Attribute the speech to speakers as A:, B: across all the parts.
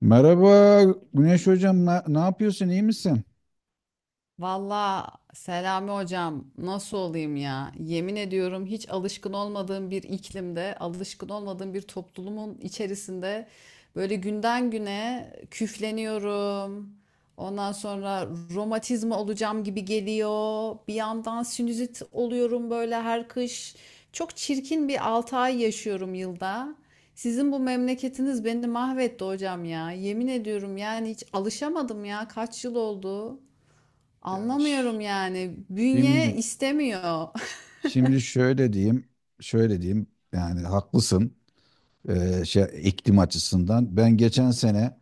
A: Merhaba Güneş Hocam, ne yapıyorsun, iyi misin?
B: Valla, Selami hocam, nasıl olayım ya? Yemin ediyorum, hiç alışkın olmadığım bir iklimde, alışkın olmadığım bir toplumun içerisinde böyle günden güne küfleniyorum. Ondan sonra romatizma olacağım gibi geliyor. Bir yandan sinüzit oluyorum böyle her kış. Çok çirkin bir 6 ay yaşıyorum yılda. Sizin bu memleketiniz beni mahvetti hocam ya. Yemin ediyorum yani hiç alışamadım ya. Kaç yıl oldu?
A: Ya ş-
B: Anlamıyorum yani. Bünye
A: Şimdi,
B: istemiyor.
A: şimdi, şöyle diyeyim, yani haklısın şey iklim açısından. Ben geçen sene,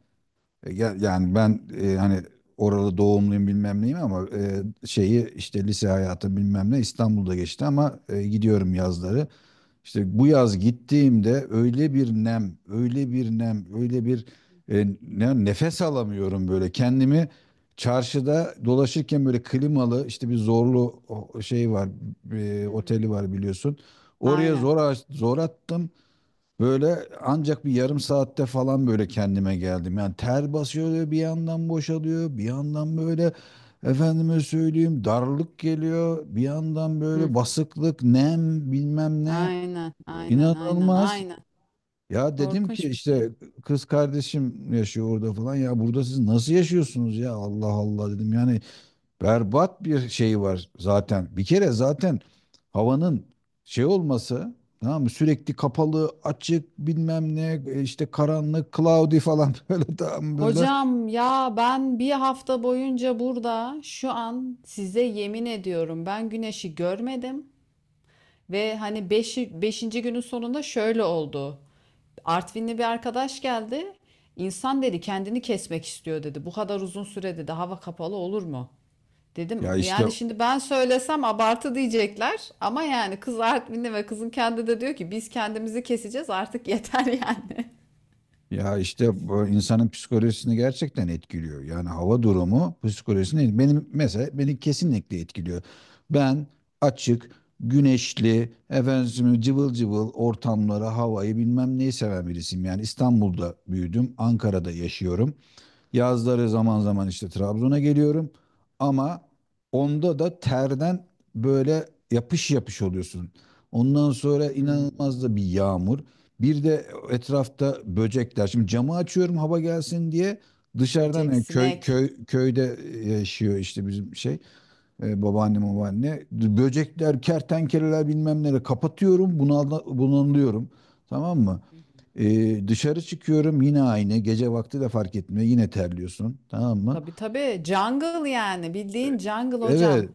A: yani ben hani oralı doğumluyum bilmem neyim ama şeyi işte lise hayatı bilmem ne İstanbul'da geçti ama gidiyorum yazları. İşte bu yaz gittiğimde öyle bir nem, öyle bir nem, öyle bir nefes alamıyorum böyle. Kendimi çarşıda dolaşırken böyle klimalı işte bir zorlu şey var,
B: Hı
A: oteli
B: hı.
A: var biliyorsun. Oraya
B: Aynen.
A: zor attım. Böyle ancak bir yarım saatte falan böyle kendime geldim. Yani ter basıyor bir yandan boşalıyor, bir yandan böyle efendime söyleyeyim darlık geliyor, bir yandan
B: Hı.
A: böyle basıklık, nem bilmem ne.
B: Aynen, aynen, aynen,
A: İnanılmaz.
B: aynen.
A: Ya dedim ki
B: Korkunç bir şey.
A: işte kız kardeşim yaşıyor orada falan. Ya burada siz nasıl yaşıyorsunuz ya? Allah Allah dedim. Yani berbat bir şey var zaten. Bir kere zaten havanın şey olması tamam mı? Sürekli kapalı, açık, bilmem ne işte karanlık, cloudy falan böyle tam böyle.
B: Hocam ya, ben bir hafta boyunca burada şu an size yemin ediyorum, ben güneşi görmedim. Ve hani 5. günün sonunda şöyle oldu. Artvinli bir arkadaş geldi. İnsan dedi kendini kesmek istiyor dedi. Bu kadar uzun süre dedi hava kapalı olur mu?
A: Ya
B: Dedim
A: işte
B: yani şimdi ben söylesem abartı diyecekler ama yani kız Artvinli ve kızın kendi de diyor ki biz kendimizi keseceğiz artık yeter yani.
A: Ya işte bu insanın psikolojisini gerçekten etkiliyor. Yani hava durumu psikolojisini benim mesela beni kesinlikle etkiliyor. Ben açık, güneşli, efendim cıvıl cıvıl ortamları, havayı bilmem neyi seven birisiyim. Yani İstanbul'da büyüdüm, Ankara'da yaşıyorum. Yazları zaman zaman işte Trabzon'a geliyorum. Ama onda da terden böyle yapış yapış oluyorsun. Ondan sonra inanılmaz
B: Hmm.
A: da bir yağmur. Bir de etrafta böcekler. Şimdi camı açıyorum hava gelsin diye. Dışarıdan
B: Böcek,
A: yani köy,
B: sinek.
A: köy, köyde yaşıyor işte bizim şey babaanne babaanne. Böcekler, kertenkeleler bilmem neler kapatıyorum. Bunalıyorum. Tamam mı?
B: Hı hı.
A: Dışarı çıkıyorum yine aynı. Gece vakti de fark etmiyor. Yine terliyorsun. Tamam mı?
B: Tabii tabii, jungle yani, bildiğin jungle hocam.
A: Evet.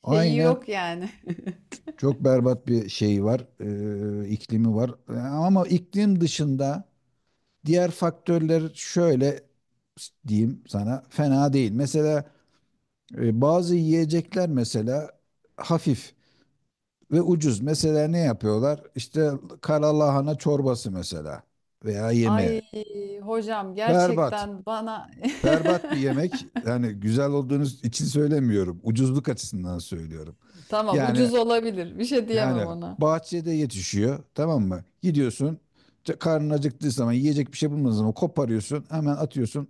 B: Şeyi
A: Aynen,
B: yok yani.
A: çok berbat bir şey var. İklimi var. Ama iklim dışında diğer faktörler şöyle diyeyim sana fena değil. Mesela bazı yiyecekler mesela hafif ve ucuz. Mesela ne yapıyorlar? İşte kara lahana çorbası mesela veya yemeği.
B: Ay hocam,
A: Berbat.
B: gerçekten bana
A: Berbat bir yemek. Yani güzel olduğunuz için söylemiyorum. Ucuzluk açısından söylüyorum.
B: tamam,
A: Yani
B: ucuz olabilir, bir şey diyemem
A: yani
B: ona.
A: bahçede yetişiyor tamam mı? Gidiyorsun karnın acıktığı zaman yiyecek bir şey bulmadığın zaman koparıyorsun hemen atıyorsun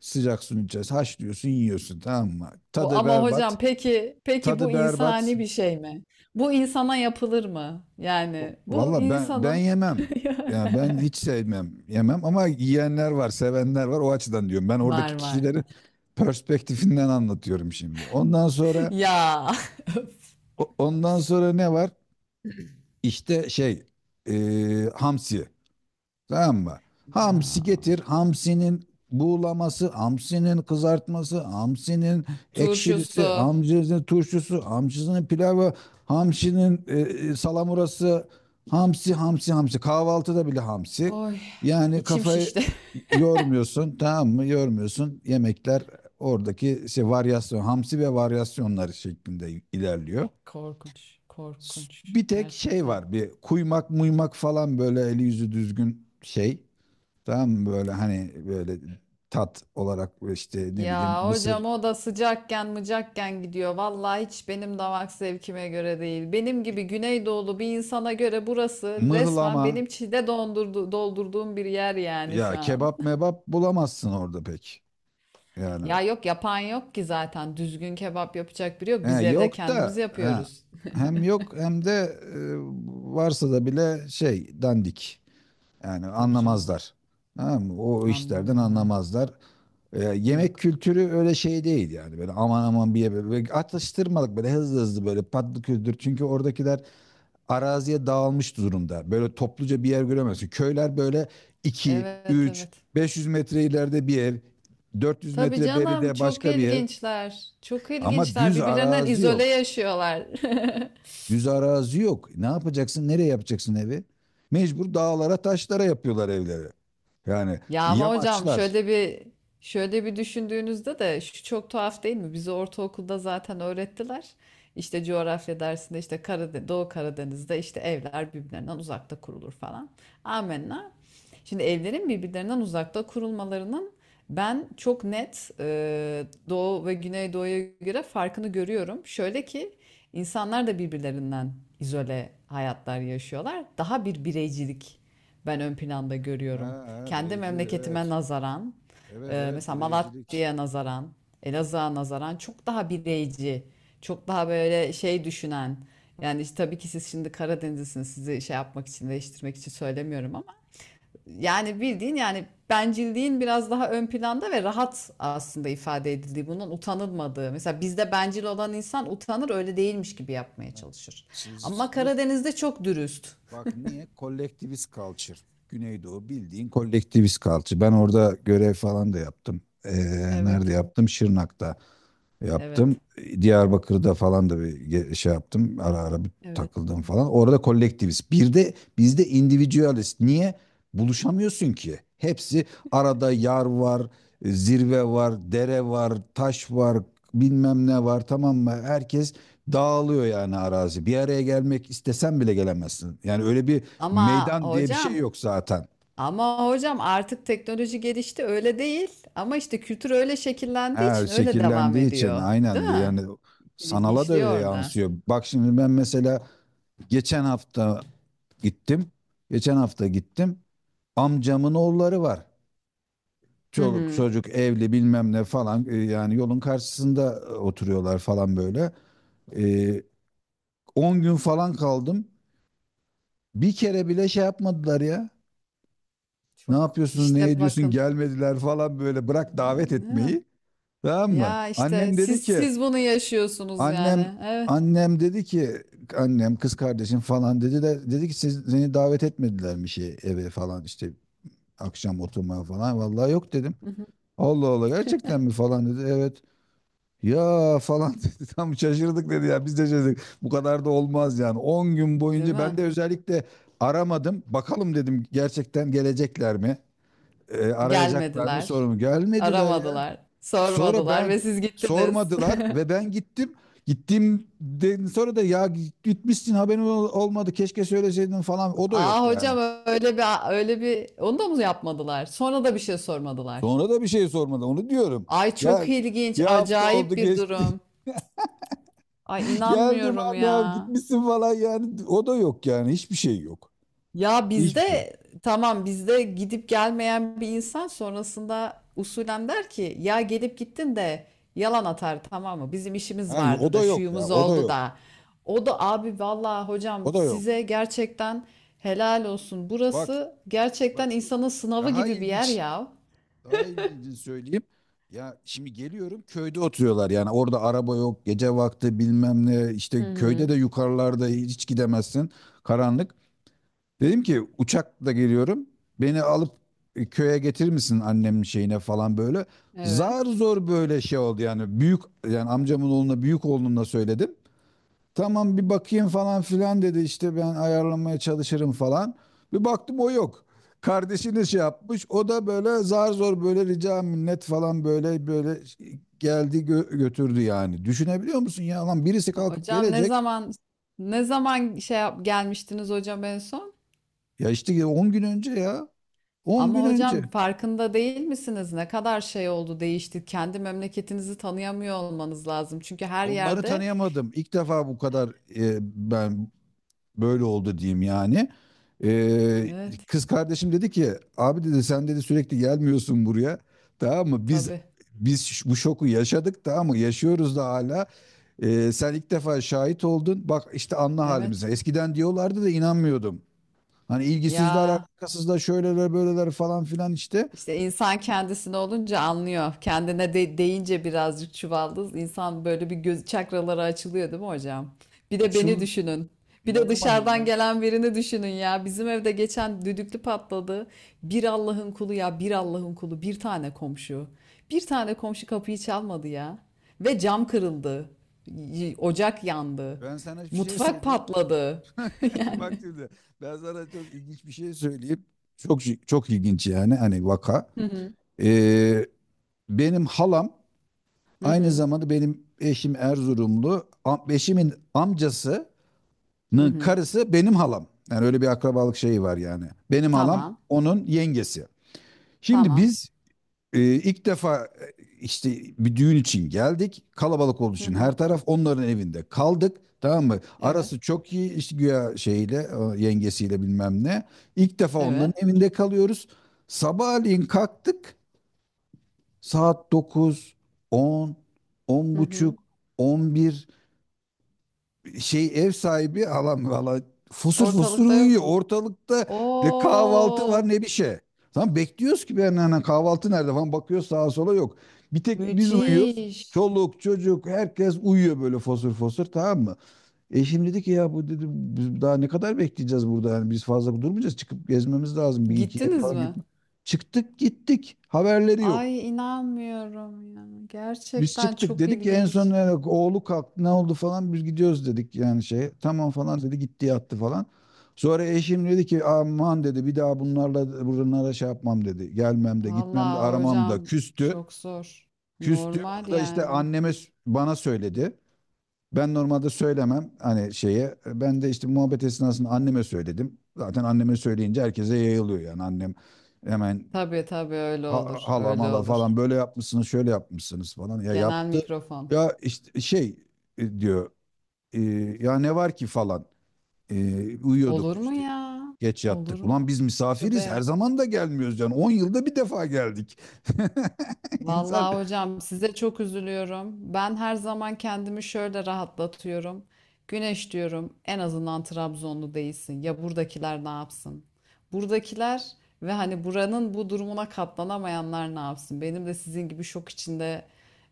A: sıcak suyun içerisine haşlıyorsun yiyorsun tamam mı?
B: Bu
A: Tadı
B: ama
A: berbat.
B: hocam, peki peki, bu
A: Tadı berbat.
B: insani bir şey mi? Bu insana yapılır mı? Yani bu
A: Valla ben
B: insanın
A: yemem. Yani ben hiç sevmem, yemem ama yiyenler var, sevenler var. O açıdan diyorum. Ben
B: var
A: oradaki
B: var.
A: kişilerin perspektifinden anlatıyorum şimdi.
B: Ya
A: Ondan sonra ne var? İşte şey hamsi. Tamam mı?
B: ya
A: Hamsi getir. Hamsinin buğulaması, hamsinin kızartması, hamsinin ekşilisi,
B: turşusu.
A: hamsinin turşusu, hamsinin pilavı, hamsinin salamurası, hamsi, hamsi, hamsi. Kahvaltıda bile hamsi.
B: Oy,
A: Yani
B: içim
A: kafayı
B: şişti.
A: yormuyorsun, tamam mı? Yormuyorsun. Yemekler oradaki şey varyasyon, hamsi ve varyasyonlar şeklinde ilerliyor.
B: Korkunç, korkunç
A: Bir tek şey
B: gerçekten.
A: var bir kuymak muymak falan böyle eli yüzü düzgün şey tamam mı böyle hani böyle tat olarak işte ne bileyim
B: Ya
A: mısır
B: hocam, o da sıcakken mıcakken gidiyor. Vallahi hiç benim damak zevkime göre değil. Benim gibi Güneydoğulu bir insana göre burası resmen
A: mıhlama
B: benim çile dondurdu, doldurduğum bir yer yani
A: ya
B: şu an.
A: kebap mebap bulamazsın orada pek yani
B: Ya yok, yapan yok ki zaten. Düzgün kebap yapacak biri yok. Biz
A: he,
B: evde
A: yok
B: kendimiz
A: da he,
B: yapıyoruz.
A: hem yok hem de e, varsa da bile şey dandik yani
B: Tabii canım.
A: anlamazlar tamam mı? O işlerden
B: Anlamıyorlar.
A: anlamazlar. Yemek
B: Yok.
A: kültürü öyle şey değil yani böyle aman aman bir yere böyle atıştırmalık böyle hızlı hızlı böyle patlı küldür çünkü oradakiler araziye dağılmış durumda böyle topluca bir yer göremezsin köyler böyle iki
B: Evet
A: üç
B: evet.
A: 500 metre ileride bir ev 400
B: Tabii
A: metre
B: canım,
A: beride
B: çok
A: başka bir ev
B: ilginçler. Çok
A: ama
B: ilginçler.
A: düz
B: Birbirlerinden
A: arazi
B: izole
A: yok
B: yaşıyorlar.
A: düz arazi yok ne yapacaksın nereye yapacaksın evi mecbur dağlara taşlara yapıyorlar evleri yani
B: Ya ama hocam,
A: yamaçlar.
B: şöyle bir düşündüğünüzde de şu çok tuhaf değil mi? Bizi ortaokulda zaten öğrettiler. İşte coğrafya dersinde işte Karadeniz, Doğu Karadeniz'de işte evler birbirlerinden uzakta kurulur falan. Amenna. Şimdi evlerin birbirlerinden uzakta kurulmalarının ben çok net Doğu ve Güneydoğu'ya göre farkını görüyorum. Şöyle ki insanlar da birbirlerinden izole hayatlar yaşıyorlar. Daha bir bireycilik ben ön planda
A: Ha,
B: görüyorum.
A: ha,
B: Kendi
A: bireyci,
B: memleketime
A: evet
B: nazaran,
A: evet evet,
B: mesela
A: bireycilik.
B: Malatya'ya nazaran, Elazığ'a nazaran çok daha bireyci, çok daha böyle şey düşünen. Yani işte tabii ki siz şimdi Karadenizlisiniz, sizi şey yapmak için, değiştirmek için söylemiyorum ama yani bildiğin yani bencilliğin biraz daha ön planda ve rahat aslında ifade edildiği, bunun utanılmadığı. Mesela bizde bencil olan insan utanır, öyle değilmiş gibi yapmaya
A: Ha.
B: çalışır.
A: Siz,
B: Ama
A: siz-
B: Karadeniz'de çok dürüst.
A: bak niye? Kolektivist culture. Güneydoğu bildiğin kolektivist culture. Ben orada görev falan da yaptım. Ee,
B: Evet,
A: nerede yaptım? Şırnak'ta yaptım.
B: Evet.
A: Diyarbakır'da falan da bir şey yaptım. Ara ara bir
B: evet.
A: takıldım falan. Orada kolektivist. Bir de bizde individualist. Niye? Buluşamıyorsun ki. Hepsi arada yar var, zirve var, dere var, taş var, bilmem ne var tamam mı? Herkes dağılıyor yani arazi. Bir araya gelmek istesen bile gelemezsin. Yani öyle bir
B: Ama
A: meydan diye bir şey
B: hocam,
A: yok zaten.
B: ama hocam, artık teknoloji gelişti, öyle değil. Ama işte kültür öyle şekillendiği
A: Ha,
B: için öyle devam
A: şekillendiği için
B: ediyor.
A: aynen
B: Değil
A: yani
B: mi?
A: sanala da
B: İlginçliği
A: öyle
B: orada.
A: yansıyor. Bak şimdi ben mesela geçen hafta gittim. Geçen hafta gittim. Amcamın oğulları var.
B: Hı
A: Çoluk
B: hı.
A: çocuk evli bilmem ne falan yani yolun karşısında oturuyorlar falan böyle. E, 10 gün falan kaldım. Bir kere bile şey yapmadılar ya. Ne
B: Çok
A: yapıyorsun, ne
B: işte
A: ediyorsun
B: bakın.
A: gelmediler falan böyle bırak davet etmeyi. Tamam mı?
B: Ya işte
A: Annem dedi
B: siz
A: ki
B: siz bunu yaşıyorsunuz
A: annem
B: yani. Evet.
A: annem dedi ki annem kız kardeşim falan dedi de dedi ki siz seni davet etmediler mi şey eve falan işte akşam oturmaya falan. Vallahi yok dedim.
B: Hı hı.
A: Allah Allah gerçekten mi falan dedi. Evet. Ya falan dedi. Tam şaşırdık dedi ya. Biz de şaşırdık. Bu kadar da olmaz yani. 10 gün
B: Değil
A: boyunca
B: mi?
A: ben de özellikle aramadım. Bakalım dedim gerçekten gelecekler mi? Arayacaklar mı
B: Gelmediler,
A: sorum. Gelmediler ya.
B: aramadılar,
A: Sonra
B: sormadılar
A: ben
B: ve siz gittiniz.
A: sormadılar ve ben gittim. Gittiğimden sonra da ya gitmişsin haberim olmadı keşke söyleseydin falan o da
B: Aa
A: yok yani.
B: hocam, öyle bir öyle bir onu da mı yapmadılar? Sonra da bir şey sormadılar.
A: Sonra da bir şey sormadı. Onu diyorum.
B: Ay çok
A: Gel
B: ilginç,
A: bir hafta oldu
B: acayip bir
A: geçti.
B: durum. Ay,
A: Geldim
B: inanmıyorum
A: anne abi
B: ya.
A: gitmişsin falan yani. O da yok yani. Hiçbir şey yok.
B: Ya
A: Hiçbir şey.
B: bizde, tamam, bizde gidip gelmeyen bir insan sonrasında usulen der ki ya gelip gittin de yalan atar tamam mı? Bizim işimiz
A: Ha, o
B: vardı da
A: da yok ya.
B: şuyumuz
A: O da
B: oldu
A: yok.
B: da. O da abi, vallahi
A: O
B: hocam
A: da yok.
B: size gerçekten helal olsun.
A: Bak
B: Burası
A: bak
B: gerçekten insanın sınavı
A: daha
B: gibi bir yer
A: ilginç.
B: ya.
A: Daha ilginci söyleyeyim. Ya şimdi geliyorum köyde oturuyorlar yani orada araba yok gece vakti bilmem ne
B: Hı
A: işte köyde
B: hı.
A: de yukarılarda hiç gidemezsin karanlık. Dedim ki uçakla geliyorum. Beni alıp köye getirir misin annemin şeyine falan böyle.
B: Evet.
A: Zar zor böyle şey oldu yani büyük yani amcamın oğluna büyük oğluna söyledim. Tamam bir bakayım falan filan dedi işte ben ayarlamaya çalışırım falan. Bir baktım o yok. Kardeşini şey yapmış o da böyle zar zor böyle rica minnet falan böyle böyle geldi götürdü yani. Düşünebiliyor musun ya lan birisi kalkıp
B: Hocam ne
A: gelecek.
B: zaman ne zaman şey yap, gelmiştiniz hocam en son?
A: Ya işte 10 gün önce ya 10
B: Ama
A: gün önce.
B: hocam farkında değil misiniz? Ne kadar şey oldu, değişti. Kendi memleketinizi tanıyamıyor olmanız lazım. Çünkü her
A: Onları
B: yerde
A: tanıyamadım. İlk defa bu kadar ben böyle oldu diyeyim yani. E,
B: evet,
A: kız kardeşim dedi ki abi dedi sen dedi sürekli gelmiyorsun buraya. Tamam mı? Biz
B: tabii.
A: bu şoku yaşadık tamam mı? Yaşıyoruz da hala. Sen ilk defa şahit oldun. Bak işte anla halimize.
B: Evet.
A: Eskiden diyorlardı da inanmıyordum. Hani ilgisizler,
B: Ya,
A: alakasızlar, şöyleler, böyleler falan filan işte.
B: İşte insan kendisine olunca anlıyor. Kendine de deyince birazcık çuvaldız. İnsan böyle bir göz çakraları açılıyor değil mi hocam? Bir de beni
A: Açıl
B: düşünün. Bir de
A: inanamadım
B: dışarıdan
A: ben.
B: gelen birini düşünün ya. Bizim evde geçen düdüklü patladı. Bir Allah'ın kulu ya, bir Allah'ın kulu. Bir tane komşu. Bir tane komşu kapıyı çalmadı ya. Ve cam kırıldı. Ocak yandı.
A: Ben sana hiçbir şey
B: Mutfak
A: söyleyeyim.
B: patladı.
A: Bak
B: Yani.
A: şimdi ben sana çok ilginç bir şey söyleyeyim. Çok çok ilginç yani hani vaka.
B: Hı hı
A: Ee, benim halam
B: hı
A: aynı
B: hı.
A: zamanda benim eşim Erzurumlu. Eşimin amcasının
B: hı hı.
A: karısı benim halam. Yani öyle bir akrabalık şeyi var yani. Benim halam
B: Tamam.
A: onun yengesi. Şimdi
B: Tamam.
A: biz ilk defa işte bir düğün için geldik. Kalabalık olduğu
B: Hı
A: için
B: hı.
A: her taraf onların evinde kaldık. Tamam mı?
B: Evet.
A: Arası çok iyi işte güya şeyle o yengesiyle bilmem ne. İlk defa onların
B: Evet.
A: evinde kalıyoruz. Sabahleyin kalktık. Saat dokuz, on, on
B: Hı hı.
A: buçuk, on bir, şey ev sahibi halam valla fosur fosur
B: Ortalıkta yok
A: uyuyor.
B: mu?
A: Ortalıkta ne kahvaltı
B: Oo,
A: var ne bir şey. Tamam bekliyoruz ki ben hani kahvaltı nerede falan bakıyoruz sağa sola yok. Bir tek biz uyuyoruz.
B: müthiş.
A: Çoluk çocuk herkes uyuyor böyle fosur fosur tamam mı? Eşim dedi ki ya bu dedim biz daha ne kadar bekleyeceğiz burada yani biz fazla durmayacağız çıkıp gezmemiz lazım bir iki yere
B: Gittiniz
A: falan
B: mi?
A: gitme. Çıktık gittik haberleri yok.
B: Ay, inanmıyorum ya.
A: Biz
B: Gerçekten
A: çıktık
B: çok
A: dedik en son
B: ilginç.
A: yani oğlu kalktı ne oldu falan biz gidiyoruz dedik yani şey tamam falan dedi gitti yattı falan. Sonra eşim dedi ki aman dedi bir daha bunlarla bunlara şey yapmam dedi. Gelmem de gitmem de
B: Vallahi
A: aramam da
B: hocam,
A: küstü.
B: çok zor.
A: Küstü
B: Normal
A: bunu da işte
B: yani.
A: anneme bana söyledi. Ben normalde söylemem hani şeye. Ben de işte muhabbet esnasında anneme söyledim. Zaten anneme söyleyince herkese yayılıyor yani annem hemen
B: Tabii tabii, öyle olur.
A: hala
B: Öyle
A: mala
B: olur.
A: falan böyle yapmışsınız şöyle yapmışsınız falan ya
B: Genel
A: yaptı
B: mikrofon.
A: ya işte şey diyor e, ya ne var ki falan. E, Uyuyorduk
B: Olur mu
A: işte
B: ya?
A: geç
B: Olur
A: yattık
B: mu?
A: ulan biz misafiriz her
B: Tövbe.
A: zaman da gelmiyoruz yani 10 yılda bir defa geldik insan
B: Vallahi hocam, size çok üzülüyorum. Ben her zaman kendimi şöyle rahatlatıyorum. Güneş diyorum, en azından Trabzonlu değilsin. Ya buradakiler ne yapsın? Buradakiler ve hani buranın bu durumuna katlanamayanlar ne yapsın? Benim de sizin gibi şok içinde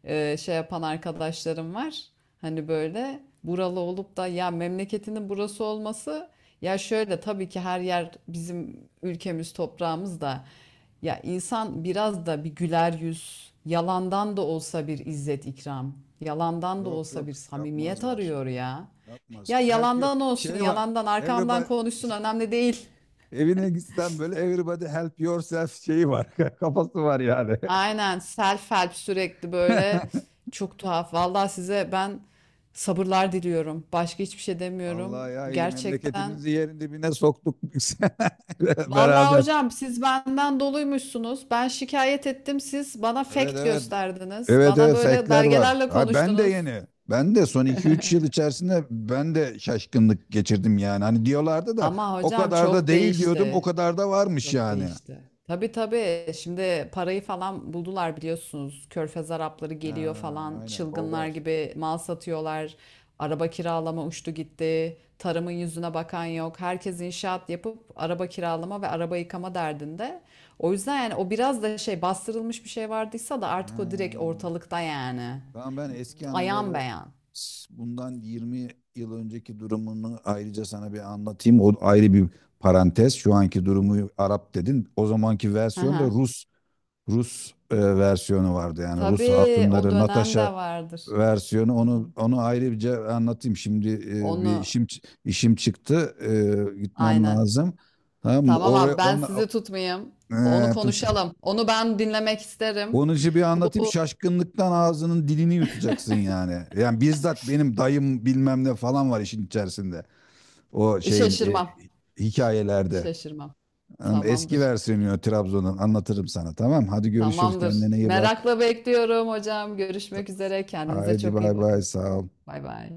B: şey yapan arkadaşlarım var. Hani böyle buralı olup da ya memleketinin burası olması ya şöyle tabii ki her yer bizim ülkemiz toprağımız da. Ya insan biraz da bir güler yüz, yalandan da olsa bir izzet ikram, yalandan da
A: yok
B: olsa
A: yok
B: bir samimiyet
A: yapmazlar
B: arıyor ya.
A: yapmaz
B: Ya
A: help you
B: yalandan olsun,
A: şey var
B: yalandan arkamdan
A: everybody
B: konuşsun, önemli değil.
A: evine gitsen böyle everybody help yourself şeyi var kafası var yani.
B: Aynen, self help, sürekli böyle çok tuhaf. Vallahi size ben sabırlar diliyorum. Başka hiçbir şey
A: Vallahi
B: demiyorum.
A: ya iyi
B: Gerçekten.
A: memleketimizi yerin dibine soktuk biz
B: Vallahi
A: beraber.
B: hocam, siz benden doluymuşsunuz. Ben şikayet ettim. Siz bana
A: Evet
B: fact
A: evet.
B: gösterdiniz.
A: Evet
B: Bana
A: evet
B: böyle
A: fake'ler var.
B: belgelerle
A: Ha, ben de
B: konuştunuz.
A: yeni. Ben de son iki üç yıl içerisinde ben de şaşkınlık geçirdim yani. Hani diyorlardı da
B: Ama
A: o
B: hocam
A: kadar da
B: çok
A: değil diyordum. O
B: değişti.
A: kadar da varmış
B: Çok
A: yani.
B: değişti. Tabii tabii. Şimdi parayı falan buldular biliyorsunuz. Körfez Arapları
A: Ha,
B: geliyor falan.
A: aynen o
B: Çılgınlar
A: var.
B: gibi mal satıyorlar. Araba kiralama uçtu gitti. Tarımın yüzüne bakan yok. Herkes inşaat yapıp araba kiralama ve araba yıkama derdinde. O yüzden yani o biraz da şey bastırılmış bir şey vardıysa da
A: Ha.
B: artık o direkt ortalıkta yani.
A: Tamam ben eski
B: Ayan
A: anıları
B: beyan.
A: bundan 20 yıl önceki durumunu ayrıca sana bir anlatayım. O ayrı bir parantez. Şu anki durumu Arap dedin. O zamanki
B: Hı
A: versiyon da
B: hı.
A: Rus versiyonu vardı. Yani Rus
B: Tabii o
A: hatunları
B: dönem de
A: Natasha
B: vardır.
A: versiyonu
B: O
A: onu
B: dönem.
A: onu ayrıca anlatayım. Şimdi bir
B: Onu
A: işim çıktı. Gitmem
B: aynen.
A: lazım. Tamam mı?
B: Tamam
A: Oraya
B: abi, ben sizi tutmayayım. Onu konuşalım. Onu ben dinlemek isterim.
A: onun için bir anlatayım.
B: Bu
A: Şaşkınlıktan ağzının dilini yutacaksın yani. Yani bizzat benim dayım bilmem ne falan var işin içerisinde. O şeyin
B: şaşırmam. Ş-
A: hikayelerde.
B: Şaşırmam.
A: Eski
B: Tamamdır.
A: versiyonu Trabzon'un anlatırım sana tamam. Hadi görüşürüz
B: Tamamdır.
A: kendine iyi bak.
B: Merakla bekliyorum hocam. Görüşmek üzere. Kendinize
A: Haydi
B: çok
A: bay
B: iyi
A: bay
B: bakın.
A: sağ ol.
B: Bay bay.